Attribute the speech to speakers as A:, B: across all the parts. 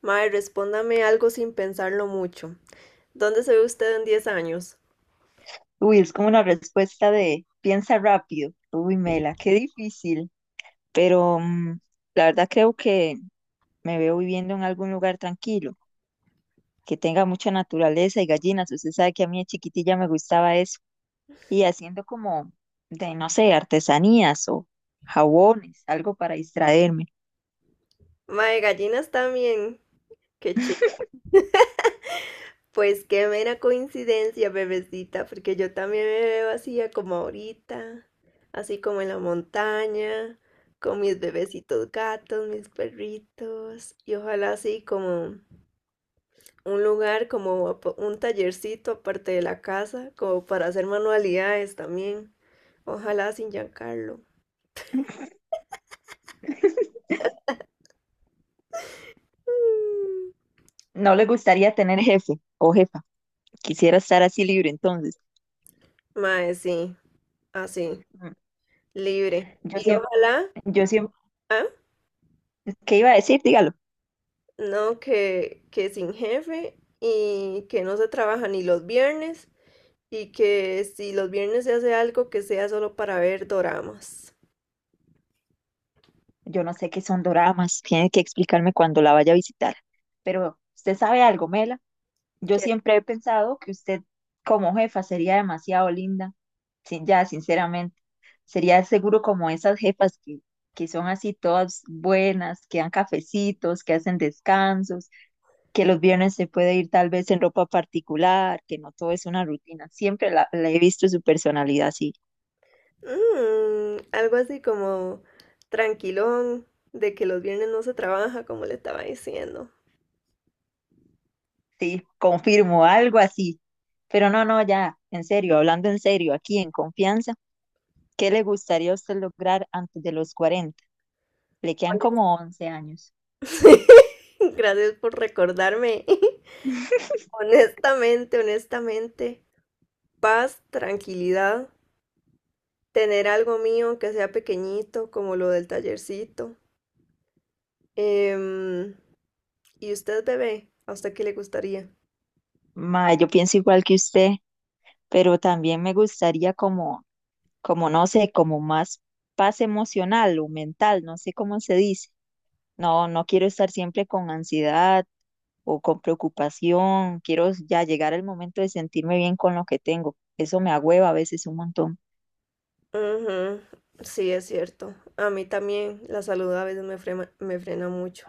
A: Mae, respóndame algo sin pensarlo mucho. ¿Dónde se ve usted en 10 años?
B: Uy, es como una respuesta de piensa rápido. Uy, Mela, qué difícil. Pero la verdad creo que me veo viviendo en algún lugar tranquilo, que tenga mucha naturaleza y gallinas. Usted sabe que a mí de chiquitilla me gustaba eso. Y haciendo como de, no sé, artesanías o jabones, algo para distraerme.
A: Mae, gallinas también. Qué chido. Pues qué mera coincidencia, bebecita, porque yo también me veo así a como ahorita, así como en la montaña, con mis bebecitos gatos, mis perritos, y ojalá así como un lugar, como un tallercito aparte de la casa, como para hacer manualidades también. Ojalá sin Giancarlo. Mm.
B: No le gustaría tener jefe o jefa. Quisiera estar así libre entonces.
A: Mae, sí, así,
B: Mm,
A: libre.
B: Yo
A: Y
B: siempre,
A: ojalá,
B: yo siempre,
A: ah,
B: ¿qué iba a decir? Dígalo.
A: no, que sin jefe y que no se trabaja ni los viernes y que si los viernes se hace algo que sea solo para ver doramas.
B: Yo no sé qué son doramas, tiene que explicarme cuando la vaya a visitar. Pero usted sabe algo, Mela. Yo
A: Que,
B: siempre he pensado que usted como jefa sería demasiado linda. Sin, ya, sinceramente, sería seguro como esas jefas que son así todas buenas, que dan cafecitos, que hacen descansos, que los viernes se puede ir tal vez en ropa particular, que no todo es una rutina. Siempre la he visto su personalidad así.
A: algo así como tranquilón, de que los viernes no se trabaja, como le estaba diciendo.
B: Sí, confirmo, algo así. Pero no, no, ya, en serio, hablando en serio, aquí en confianza, ¿qué le gustaría a usted lograr antes de los 40? Le quedan
A: Honest-
B: como 11 años.
A: Gracias por recordarme. Honestamente, honestamente, paz, tranquilidad. Tener algo mío que sea pequeñito, como lo del tallercito. Em, ¿Y usted, bebé? ¿A usted qué le gustaría?
B: Ma, yo pienso igual que usted, pero también me gustaría como, como no sé, como más paz emocional o mental, no sé cómo se dice. No, no quiero estar siempre con ansiedad o con preocupación, quiero ya llegar al momento de sentirme bien con lo que tengo. Eso me agüeva a veces un montón.
A: Ujú. Sí, es cierto. A mí también la salud a veces me frena mucho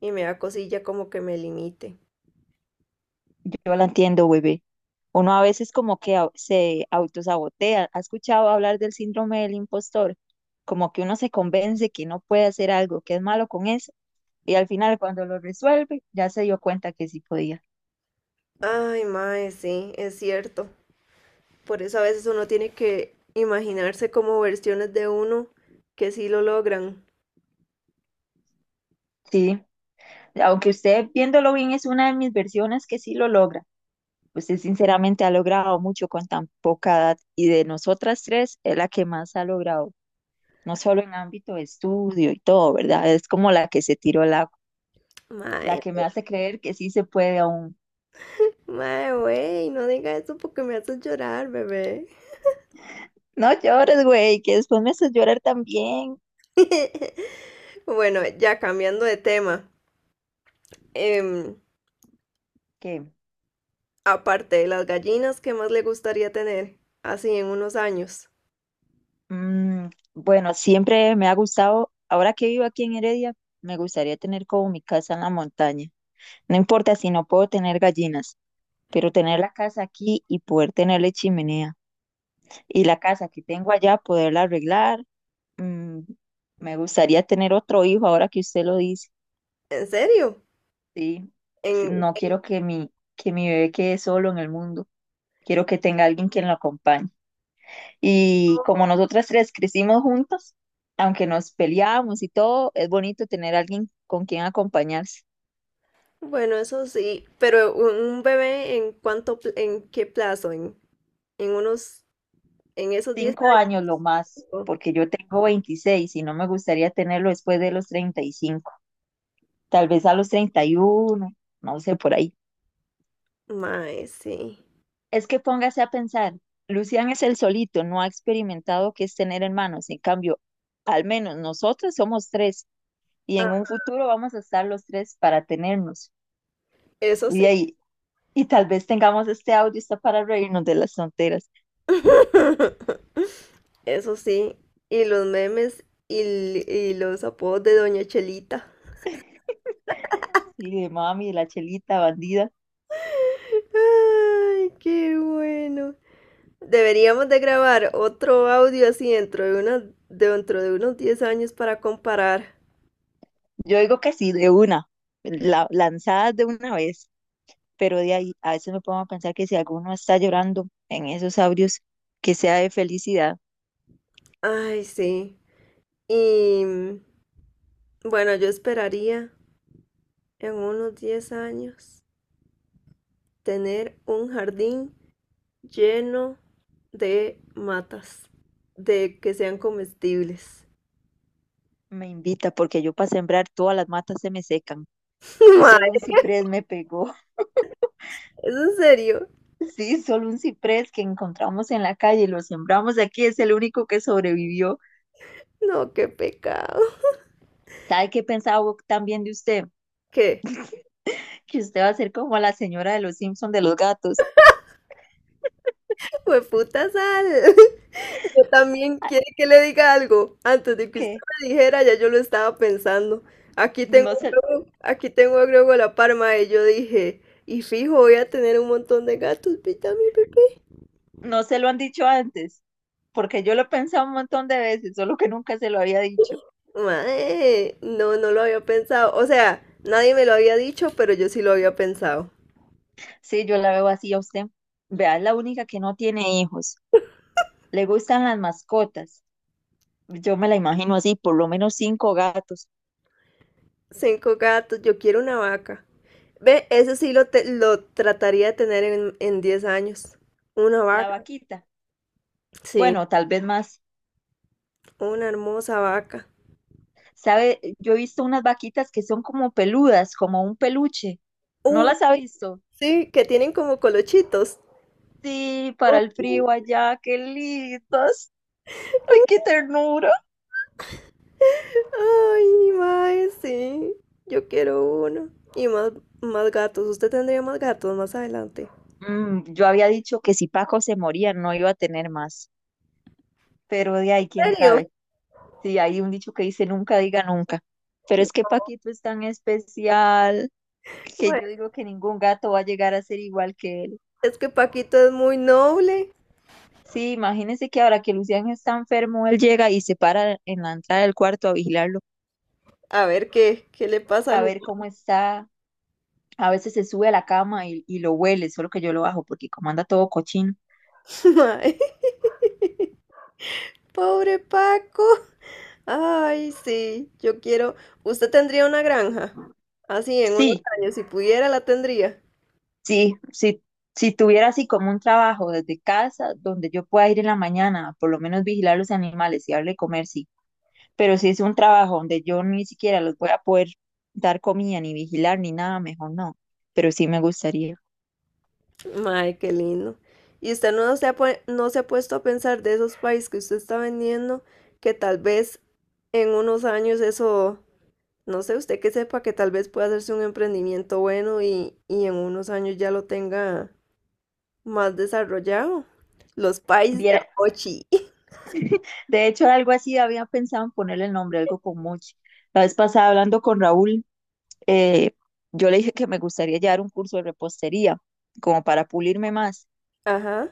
A: y me da cosilla como que me limite.
B: Yo la entiendo, bebé. Uno a veces como que se autosabotea. ¿Ha escuchado hablar del síndrome del impostor? Como que uno se convence que no puede hacer algo, que es malo con eso, y al final cuando lo resuelve, ya se dio cuenta que sí podía.
A: Ay, mae, sí, es cierto. Por eso a veces uno tiene que imaginarse como versiones de uno que sí lo logran.
B: Sí, aunque usted viéndolo bien es una de mis versiones que sí lo logra. Usted sinceramente ha logrado mucho con tan poca edad y de nosotras tres es la que más ha logrado, no solo en ámbito de estudio y todo, ¿verdad? Es como la que se tiró el agua. La
A: Mae,
B: que me hace creer que sí se puede aún.
A: mae, güey, no diga eso porque me haces llorar, bebé.
B: No llores, güey, que después me haces llorar también.
A: Bueno, ya cambiando de tema, em,
B: Que,
A: aparte de las gallinas, ¿qué más le gustaría tener así en unos años?
B: mm, bueno, siempre me ha gustado, ahora que vivo aquí en Heredia, me gustaría tener como mi casa en la montaña. No importa si no puedo tener gallinas, pero tener la casa aquí y poder tenerle chimenea. Y la casa que tengo allá, poderla arreglar. mm, me gustaría tener otro hijo ahora que usted lo dice.
A: ¿En serio?
B: Sí, sí,
A: En,
B: no
A: en-
B: quiero que que mi bebé quede solo en el mundo. Quiero que tenga alguien quien lo acompañe. Y como nosotras tres crecimos juntas, aunque nos peleábamos y todo, es bonito tener alguien con quien acompañarse.
A: bueno, eso sí, pero un bebé en cuánto, en qué plazo, en unos, en esos 10
B: Cinco
A: años.
B: años lo más,
A: ¿No?
B: porque yo tengo 26 y no me gustaría tenerlo después de los 35, tal vez a los 31, no sé, por ahí.
A: Mae, sí.
B: Es que póngase a pensar, Lucian es el solito, no ha experimentado qué es tener hermanos, en cambio, al menos nosotros somos tres y en
A: Ah,
B: un futuro vamos a estar los tres para tenernos.
A: eso
B: Y
A: sí,
B: de ahí y tal vez tengamos este audio está para reírnos de las tonteras.
A: eso sí. Y los memes y los apodos de Doña Chelita.
B: Sí, de mami, de la chelita, bandida.
A: Ay, qué bueno. Deberíamos de grabar otro audio así dentro de unos 10 años para comparar.
B: Yo digo que sí, de una, lanzadas de una vez, pero de ahí a veces me pongo a pensar que si alguno está llorando en esos audios, que sea de felicidad.
A: Ay, sí. Y bueno, yo esperaría en unos 10 años tener un jardín lleno de matas, de que sean comestibles.
B: Me invita, porque yo para sembrar todas las matas se me secan.
A: Mae,
B: Solo un ciprés me pegó.
A: ¿es en serio?
B: Sí, solo un ciprés que encontramos en la calle, y lo sembramos aquí, es el único que sobrevivió.
A: No, qué pecado.
B: ¿Sabe qué pensaba también de usted?
A: ¿Qué?
B: Que usted va a ser como la señora de los Simpson de los gatos.
A: Fue puta sal. Yo también,
B: Ah,
A: ¿quiere que le diga algo? Antes de que usted
B: que
A: me dijera, ya yo lo estaba pensando. Aquí tengo
B: no
A: a
B: se,
A: Grogu, aquí tengo a Grogu a la parma y yo dije, y fijo, voy a tener un montón de gatos, ¿viste a mi bebé?
B: no se lo han dicho antes, porque yo lo he pensado un montón de veces, solo que nunca se lo había dicho.
A: Mae, no, no lo había pensado. O sea, nadie me lo había dicho, pero yo sí lo había pensado.
B: Sí, yo la veo así a usted. Vea, es la única que no tiene hijos. Le gustan las mascotas. Yo me la imagino así, por lo menos cinco gatos.
A: Cinco gatos, yo quiero una vaca. Ve, eso sí lo trataría de tener en 10 años. Una
B: La
A: vaca,
B: vaquita.
A: sí,
B: Bueno, tal vez más.
A: una hermosa vaca.
B: ¿Sabe? Yo he visto unas vaquitas que son como peludas, como un peluche. ¿No las ha visto?
A: Sí, que tienen como colochitos.
B: Sí, para el
A: Ujú.
B: frío allá, qué lindos. Ay, qué ternura.
A: Ay, mae, sí. Yo quiero uno. Y más gatos. Usted tendría más gatos más adelante.
B: Mm, yo había dicho que si Paco se moría no iba a tener más, pero de ahí quién
A: ¿En serio?
B: sabe. Sí, hay un dicho que dice nunca diga nunca. Pero es que Paquito es tan especial que
A: Bueno,
B: yo digo que ningún gato va a llegar a ser igual que él.
A: es que Paquito es muy noble.
B: Sí, imagínense que ahora que Lucián está enfermo, él llega y se para en la entrada del cuarto a vigilarlo,
A: A ver qué le pasa
B: a
A: al humano.
B: ver cómo está. A veces se sube a la cama y lo huele, solo que yo lo bajo porque como anda todo cochino.
A: Mae. Pobre Paco. Ay, sí. Yo quiero. Usted tendría una granja. Así en unos
B: Sí,
A: años, si pudiera, la tendría.
B: Sí, si tuviera así como un trabajo desde casa donde yo pueda ir en la mañana, por lo menos vigilar los animales y darle comer, sí. Pero si es un trabajo donde yo ni siquiera los voy a poder dar comida, ni vigilar, ni nada, mejor no. Pero sí me gustaría.
A: Ay, qué lindo. ¿Y usted no se ha, pue- no se ha puesto a pensar de esos países que usted está vendiendo, que tal vez en unos años eso, no sé, usted que sepa que tal vez pueda hacerse un emprendimiento bueno y en unos años ya lo tenga más desarrollado? Los países de
B: Viera-
A: Mochi.
B: de hecho, algo así había pensado en ponerle el nombre, algo con Mochi. La vez pasada hablando con Raúl, eh, yo le dije que me gustaría llevar un curso de repostería, como para pulirme más,
A: Ajá.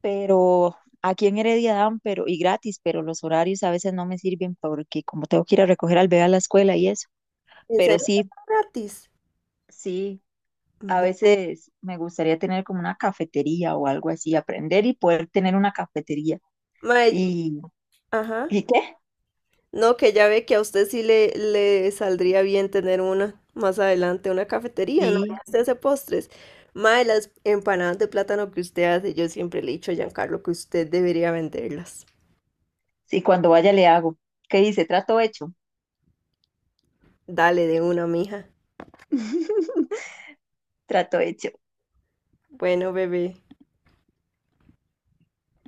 B: pero aquí en Heredia dan, pero y gratis, pero los horarios a veces no me sirven porque como tengo que ir a recoger al bebé a la escuela y eso.
A: ¿En
B: Pero
A: serio?
B: sí,
A: ¿Gratis?
B: sí, a
A: Ma-
B: veces me gustaría tener como una cafetería o algo así, aprender y poder tener una cafetería.
A: Mae,
B: ¿Y,
A: ajá.
B: ¿Y qué?
A: No, que ya ve que a usted sí le saldría bien tener una más adelante, una cafetería, ¿no? Ya
B: Sí,
A: usted hace postres. Mae, las empanadas de plátano que usted hace, yo siempre le he dicho a Giancarlo que usted debería venderlas.
B: sí, cuando vaya le hago. ¿Qué dice? Trato hecho.
A: Dale de una, mija.
B: Trato hecho.
A: Bueno, bebé.